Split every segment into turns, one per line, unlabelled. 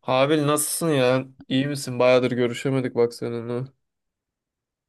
Habil nasılsın ya? İyi misin? Bayağıdır görüşemedik bak seninle.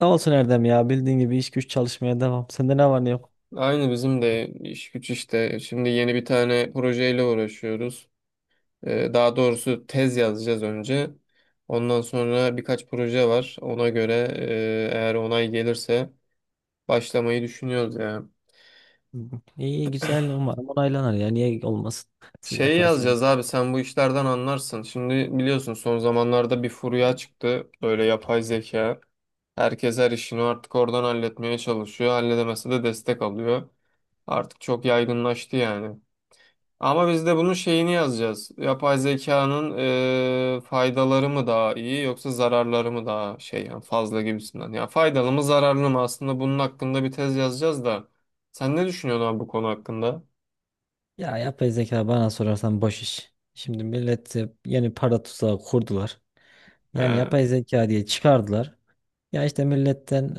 Ne olsun Erdem ya bildiğin gibi iş güç çalışmaya devam. Sende ne var ne yok?
Aynı bizim de iş güç işte. Şimdi yeni bir tane projeyle uğraşıyoruz. Daha doğrusu tez yazacağız önce. Ondan sonra birkaç proje var. Ona göre eğer onay gelirse başlamayı düşünüyoruz ya.
İyi güzel umarım onaylanır ya niye olmasın siz
Şey yazacağız
yaparsanız.
abi sen bu işlerden anlarsın. Şimdi biliyorsun son zamanlarda bir furya çıktı. Böyle yapay zeka. Herkes her işini artık oradan halletmeye çalışıyor. Halledemese de destek alıyor. Artık çok yaygınlaştı yani. Ama biz de bunun şeyini yazacağız. Yapay zekanın faydaları mı daha iyi yoksa zararları mı daha şey yani fazla gibisinden. Ya faydalı mı zararlı mı aslında bunun hakkında bir tez yazacağız da. Sen ne düşünüyorsun abi bu konu hakkında?
Ya yapay zeka bana sorarsan boş iş. Şimdi millet yeni para tuzağı kurdular. Yani
He.
yapay zeka diye çıkardılar. Ya işte milletten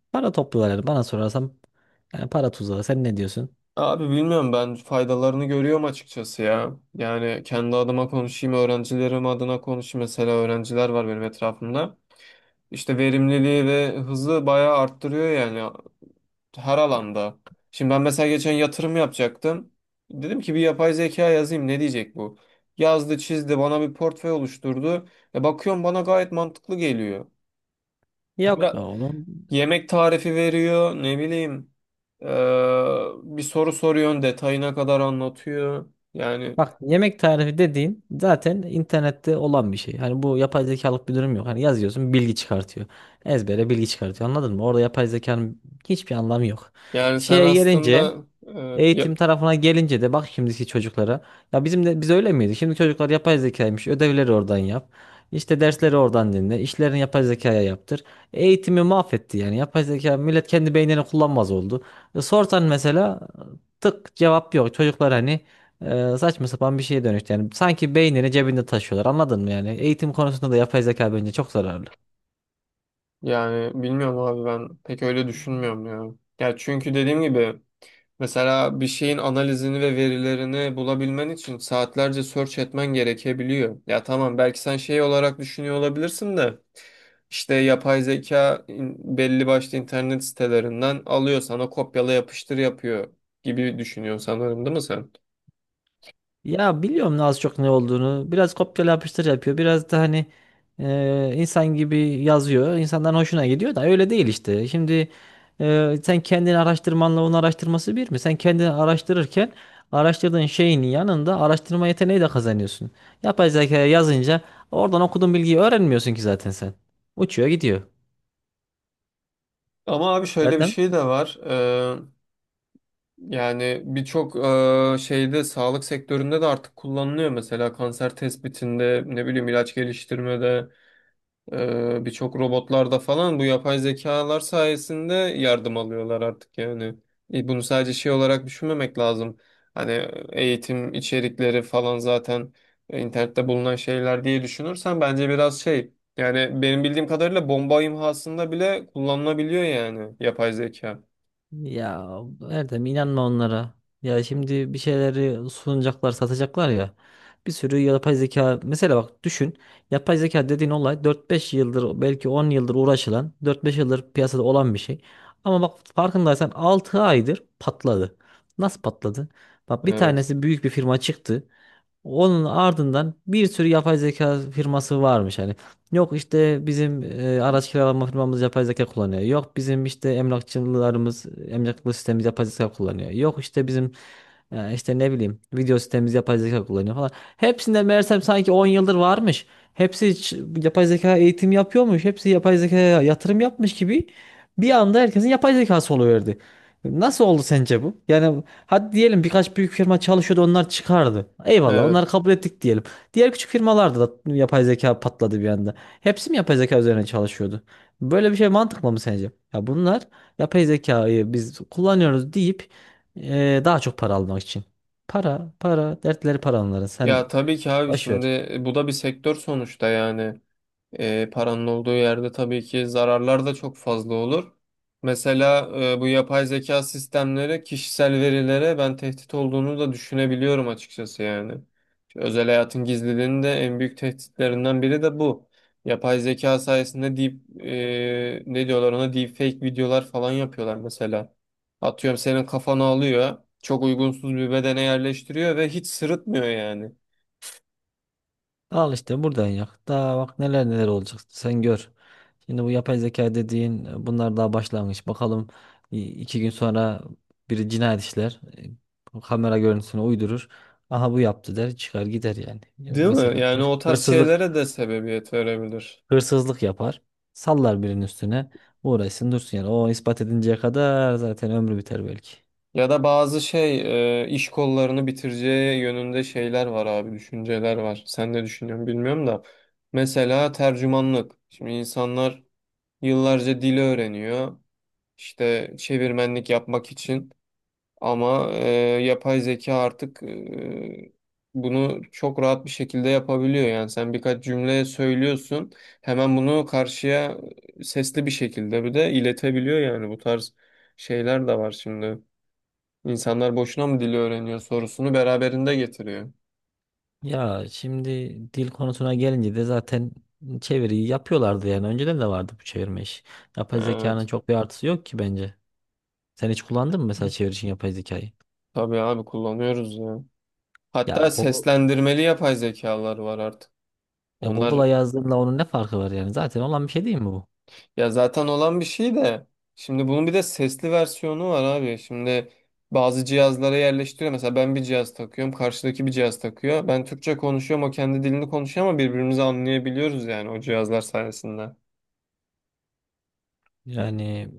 para topluyorlar yani bana sorarsan yani para tuzağı sen ne diyorsun?
Abi bilmiyorum ben faydalarını görüyorum açıkçası ya. Yani kendi adıma konuşayım, öğrencilerim adına konuşayım. Mesela öğrenciler var benim etrafımda. İşte verimliliği ve hızı bayağı arttırıyor yani. Her alanda. Şimdi ben mesela geçen yatırım yapacaktım. Dedim ki bir yapay zeka yazayım ne diyecek bu? Yazdı, çizdi, bana bir portföy oluşturdu. E bakıyorum bana gayet mantıklı geliyor.
Yok be
Bıra-
oğlum.
Yemek tarifi veriyor, ne bileyim. Ee, Bir soru soruyorsun, detayına kadar anlatıyor. Yani
Bak yemek tarifi dediğin zaten internette olan bir şey. Hani bu yapay zekalık bir durum yok. Hani yazıyorsun bilgi çıkartıyor. Ezbere bilgi çıkartıyor. Anladın mı? Orada yapay zekanın hiçbir anlamı yok.
yani sen
Şeye gelince
aslında
Eğitim tarafına gelince de bak şimdiki çocuklara. Ya bizim de biz öyle miydik? Şimdi çocuklar yapay zekaymış. Ödevleri oradan yap. İşte dersleri oradan dinle. İşlerini yapay zekaya yaptır. Eğitimi mahvetti yani. Yapay zeka millet kendi beynini kullanmaz oldu. Sorsan mesela tık cevap yok. Çocuklar hani saçma sapan bir şeye dönüştü. Yani sanki beynini cebinde taşıyorlar. Anladın mı yani? Eğitim konusunda da yapay zeka bence çok zararlı.
yani bilmiyorum abi ben pek öyle düşünmüyorum ya. Ya çünkü dediğim gibi mesela bir şeyin analizini ve verilerini bulabilmen için saatlerce search etmen gerekebiliyor. Ya tamam belki sen şey olarak düşünüyor olabilirsin de işte yapay zeka belli başlı internet sitelerinden alıyor sana kopyala yapıştır yapıyor gibi düşünüyorsun sanırım değil mi sen?
Ya biliyorum ne az çok ne olduğunu. Biraz kopyala yapıştır yapıyor. Biraz da hani insan gibi yazıyor. İnsanların hoşuna gidiyor da öyle değil işte. Şimdi sen kendini araştırmanla onun araştırması bir mi? Sen kendini araştırırken araştırdığın şeyin yanında araştırma yeteneği de kazanıyorsun. Yapay zekaya yazınca oradan okuduğun bilgiyi öğrenmiyorsun ki zaten sen. Uçuyor gidiyor.
Ama abi şöyle bir
Verdem.
şey de var. Yani birçok şeyde sağlık sektöründe de artık kullanılıyor. Mesela kanser tespitinde ne bileyim ilaç geliştirmede. Birçok robotlarda falan bu yapay zekalar sayesinde yardım alıyorlar artık yani. Bunu sadece şey olarak düşünmemek lazım. Hani eğitim içerikleri falan zaten internette bulunan şeyler diye düşünürsen bence biraz şey. Yani benim bildiğim kadarıyla bomba imhasında bile kullanılabiliyor yani yapay zeka.
Ya Erdem, inanma onlara. Ya şimdi bir şeyleri sunacaklar, satacaklar ya. Bir sürü yapay zeka mesela bak düşün. Yapay zeka dediğin olay 4-5 yıldır belki 10 yıldır uğraşılan, 4-5 yıldır piyasada olan bir şey. Ama bak farkındaysan 6 aydır patladı. Nasıl patladı? Bak bir
Evet.
tanesi büyük bir firma çıktı. Onun ardından bir sürü yapay zeka firması varmış hani. Yok işte bizim araç kiralama firmamız yapay zeka kullanıyor. Yok bizim işte emlakçılarımız, emlaklı sistemimiz yapay zeka kullanıyor. Yok işte bizim işte ne bileyim video sistemimiz yapay zeka kullanıyor falan. Hepsinde meğersem sanki 10 yıldır varmış. Hepsi hiç yapay zeka eğitim yapıyormuş. Hepsi yapay zekaya yatırım yapmış gibi bir anda herkesin yapay zekası oluyordu. Nasıl oldu sence bu? Yani hadi diyelim birkaç büyük firma çalışıyordu onlar çıkardı. Eyvallah onları
Evet.
kabul ettik diyelim. Diğer küçük firmalarda da yapay zeka patladı bir anda. Hepsi mi yapay zeka üzerine çalışıyordu? Böyle bir şey mantıklı mı sence? Ya bunlar yapay zekayı biz kullanıyoruz deyip daha çok para almak için. Para, para, dertleri para onların. Sen
Ya tabii ki abi
boş ver.
şimdi bu da bir sektör sonuçta yani. Paranın olduğu yerde tabii ki zararlar da çok fazla olur. Mesela bu yapay zeka sistemleri kişisel verilere ben tehdit olduğunu da düşünebiliyorum açıkçası yani. Özel hayatın gizliliğinin de en büyük tehditlerinden biri de bu. Yapay zeka sayesinde ne diyorlar ona deepfake videolar falan yapıyorlar mesela. Atıyorum senin kafanı alıyor, çok uygunsuz bir bedene yerleştiriyor ve hiç sırıtmıyor yani.
Al işte buradan yak. Daha bak neler neler olacak sen gör. Şimdi bu yapay zeka dediğin bunlar daha başlangıç. Bakalım 2 gün sonra biri cinayet işler. Kamera görüntüsünü uydurur. Aha bu yaptı der çıkar gider yani. Ya,
Değil mi?
mesela
Yani
hır-
o tarz
hırsızlık
şeylere de sebebiyet verebilir.
hırsızlık yapar. Sallar birinin üstüne. Uğraşsın dursun yani. O ispat edinceye kadar zaten ömrü biter belki.
Ya da bazı iş kollarını bitireceği yönünde şeyler var abi, düşünceler var. Sen ne düşünüyorsun bilmiyorum da. Mesela tercümanlık. Şimdi insanlar yıllarca dili öğreniyor. İşte çevirmenlik yapmak için. Ama yapay zeka artık bunu çok rahat bir şekilde yapabiliyor. Yani sen birkaç cümle söylüyorsun. Hemen bunu karşıya sesli bir şekilde bir de iletebiliyor yani bu tarz şeyler de var şimdi. İnsanlar boşuna mı dili öğreniyor sorusunu beraberinde getiriyor.
Ya şimdi dil konusuna gelince de zaten çeviriyi yapıyorlardı yani. Önceden de vardı bu çevirme işi. Yapay zekanın
Evet.
çok bir artısı yok ki bence. Sen hiç kullandın mı mesela çeviri için yapay zekayı?
Tabii abi kullanıyoruz ya.
Ya
Hatta
Google,
seslendirmeli yapay zekalar var artık.
ya
Onlar
Google'a yazdığınla onun ne farkı var yani? Zaten olan bir şey değil mi bu?
ya zaten olan bir şey de şimdi bunun bir de sesli versiyonu var abi. Şimdi bazı cihazlara yerleştiriyor. Mesela ben bir cihaz takıyorum, karşıdaki bir cihaz takıyor. Ben Türkçe konuşuyorum, o kendi dilini konuşuyor ama birbirimizi anlayabiliyoruz yani o cihazlar sayesinde.
Yani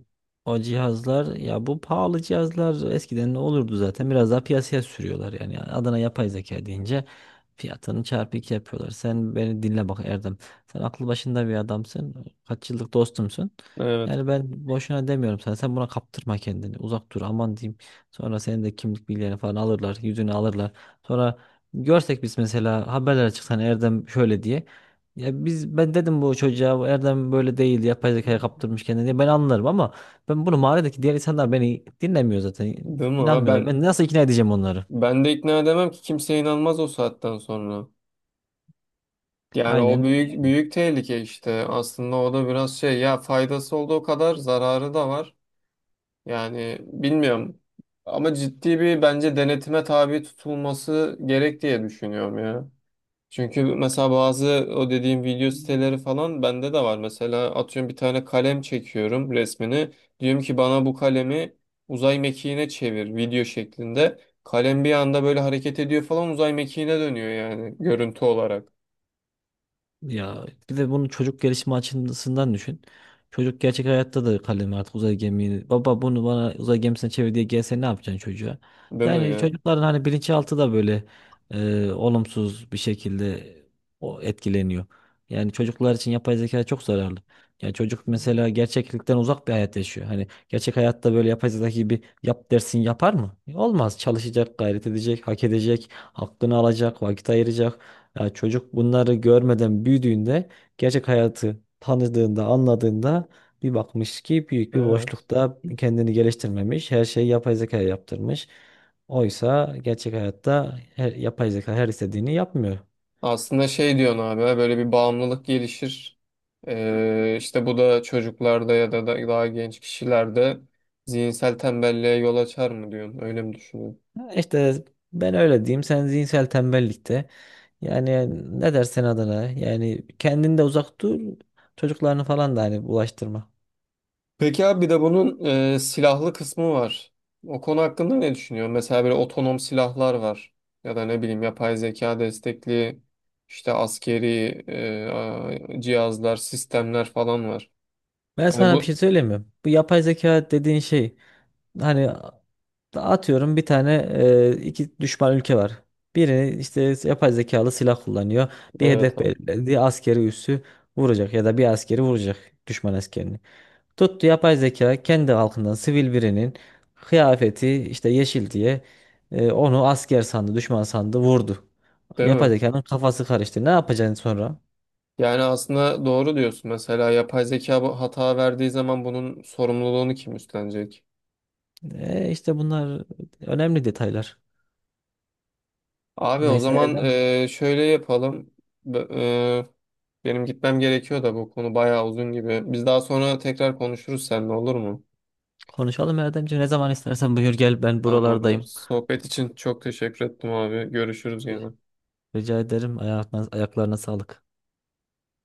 o cihazlar ya bu pahalı cihazlar eskiden ne olurdu zaten biraz daha piyasaya sürüyorlar yani adına yapay zeka deyince fiyatını çarpı iki yapıyorlar. Sen beni dinle bak Erdem, sen aklı başında bir adamsın, kaç yıllık dostumsun,
Evet.
yani ben boşuna demiyorum sana. Sen buna kaptırma kendini, uzak dur aman diyeyim. Sonra senin de kimlik bilgilerini falan alırlar, yüzünü alırlar. Sonra görsek biz mesela haberlere çıksan Erdem şöyle diye. Ya biz, ben dedim bu çocuğa, bu Erdem böyle değil, yapay zekaya kaptırmış kendini diye, ben anlarım ama ben bunu, mahalledeki diğer insanlar beni dinlemiyor zaten,
Değil mi abi?
inanmıyorlar,
Ben
ben nasıl ikna edeceğim onları?
ben de ikna edemem ki kimse inanmaz o saatten sonra. Yani o
Aynen
büyük
öyle.
büyük tehlike işte. Aslında o da biraz şey ya faydası olduğu kadar zararı da var. Yani bilmiyorum. Ama ciddi bir bence denetime tabi tutulması gerek diye düşünüyorum ya. Çünkü mesela bazı o dediğim video siteleri falan bende de var. Mesela atıyorum bir tane kalem çekiyorum resmini. Diyorum ki bana bu kalemi uzay mekiğine çevir video şeklinde. Kalem bir anda böyle hareket ediyor falan uzay mekiğine dönüyor yani görüntü olarak.
Ya bir de bunu çocuk gelişimi açısından düşün. Çocuk gerçek hayatta da kalemi artık uzay gemiyi. Baba bunu bana uzay gemisine çevir diye gelse ne yapacaksın çocuğa?
Değil mi
Yani
yani?
çocukların hani bilinçaltı da böyle olumsuz bir şekilde o etkileniyor. Yani çocuklar için yapay zeka çok zararlı. Yani çocuk mesela gerçeklikten uzak bir hayat yaşıyor. Hani gerçek hayatta böyle yapay zeka gibi yap dersin yapar mı? Olmaz. Çalışacak, gayret edecek, hak edecek, hakkını alacak, vakit ayıracak. Ya çocuk bunları görmeden büyüdüğünde, gerçek hayatı tanıdığında, anladığında bir bakmış ki büyük bir
Evet.
boşlukta kendini geliştirmemiş. Her şeyi yapay zeka yaptırmış. Oysa gerçek hayatta her, yapay zeka her istediğini yapmıyor.
Aslında şey diyorsun abi böyle bir bağımlılık gelişir. İşte bu da çocuklarda ya da daha genç kişilerde zihinsel tembelliğe yol açar mı diyorsun? Öyle mi düşünüyorsun?
Ha, İşte ben öyle diyeyim. Sen zihinsel tembellikte. Yani ne dersen adına. Yani kendinde uzak dur. Çocuklarını falan da hani bulaştırma.
Peki abi bir de bunun silahlı kısmı var. O konu hakkında ne düşünüyorsun? Mesela böyle otonom silahlar var. Ya da ne bileyim yapay zeka destekli işte askeri e, cihazlar, sistemler falan var.
Ben
Hani
sana bir
bu
şey söyleyeyim mi? Bu yapay zeka dediğin şey hani, atıyorum bir tane, iki düşman ülke var. Biri işte yapay zekalı silah kullanıyor. Bir
evet
hedef
abi.
belirledi. Askeri üssü vuracak ya da bir askeri vuracak, düşman askerini. Tuttu yapay zeka kendi halkından sivil birinin kıyafeti işte yeşil diye onu asker sandı, düşman sandı, vurdu.
Değil
Yapay
mi?
zekanın kafası karıştı. Ne yapacaksın sonra?
Yani aslında doğru diyorsun. Mesela yapay zeka bu hata verdiği zaman bunun sorumluluğunu kim üstlenecek?
İşte bunlar önemli detaylar.
Abi o
Neyse
zaman
Erdem,
şöyle yapalım. B- e, Benim gitmem gerekiyor da bu konu bayağı uzun gibi. Biz daha sonra tekrar konuşuruz seninle olur mu?
konuşalım Erdemciğim. Ne zaman istersen buyur gel, ben
Tamamdır.
buralardayım.
Sohbet için çok teşekkür ettim abi. Görüşürüz yine.
Rica ederim. Ayaklarına, ayaklarına sağlık.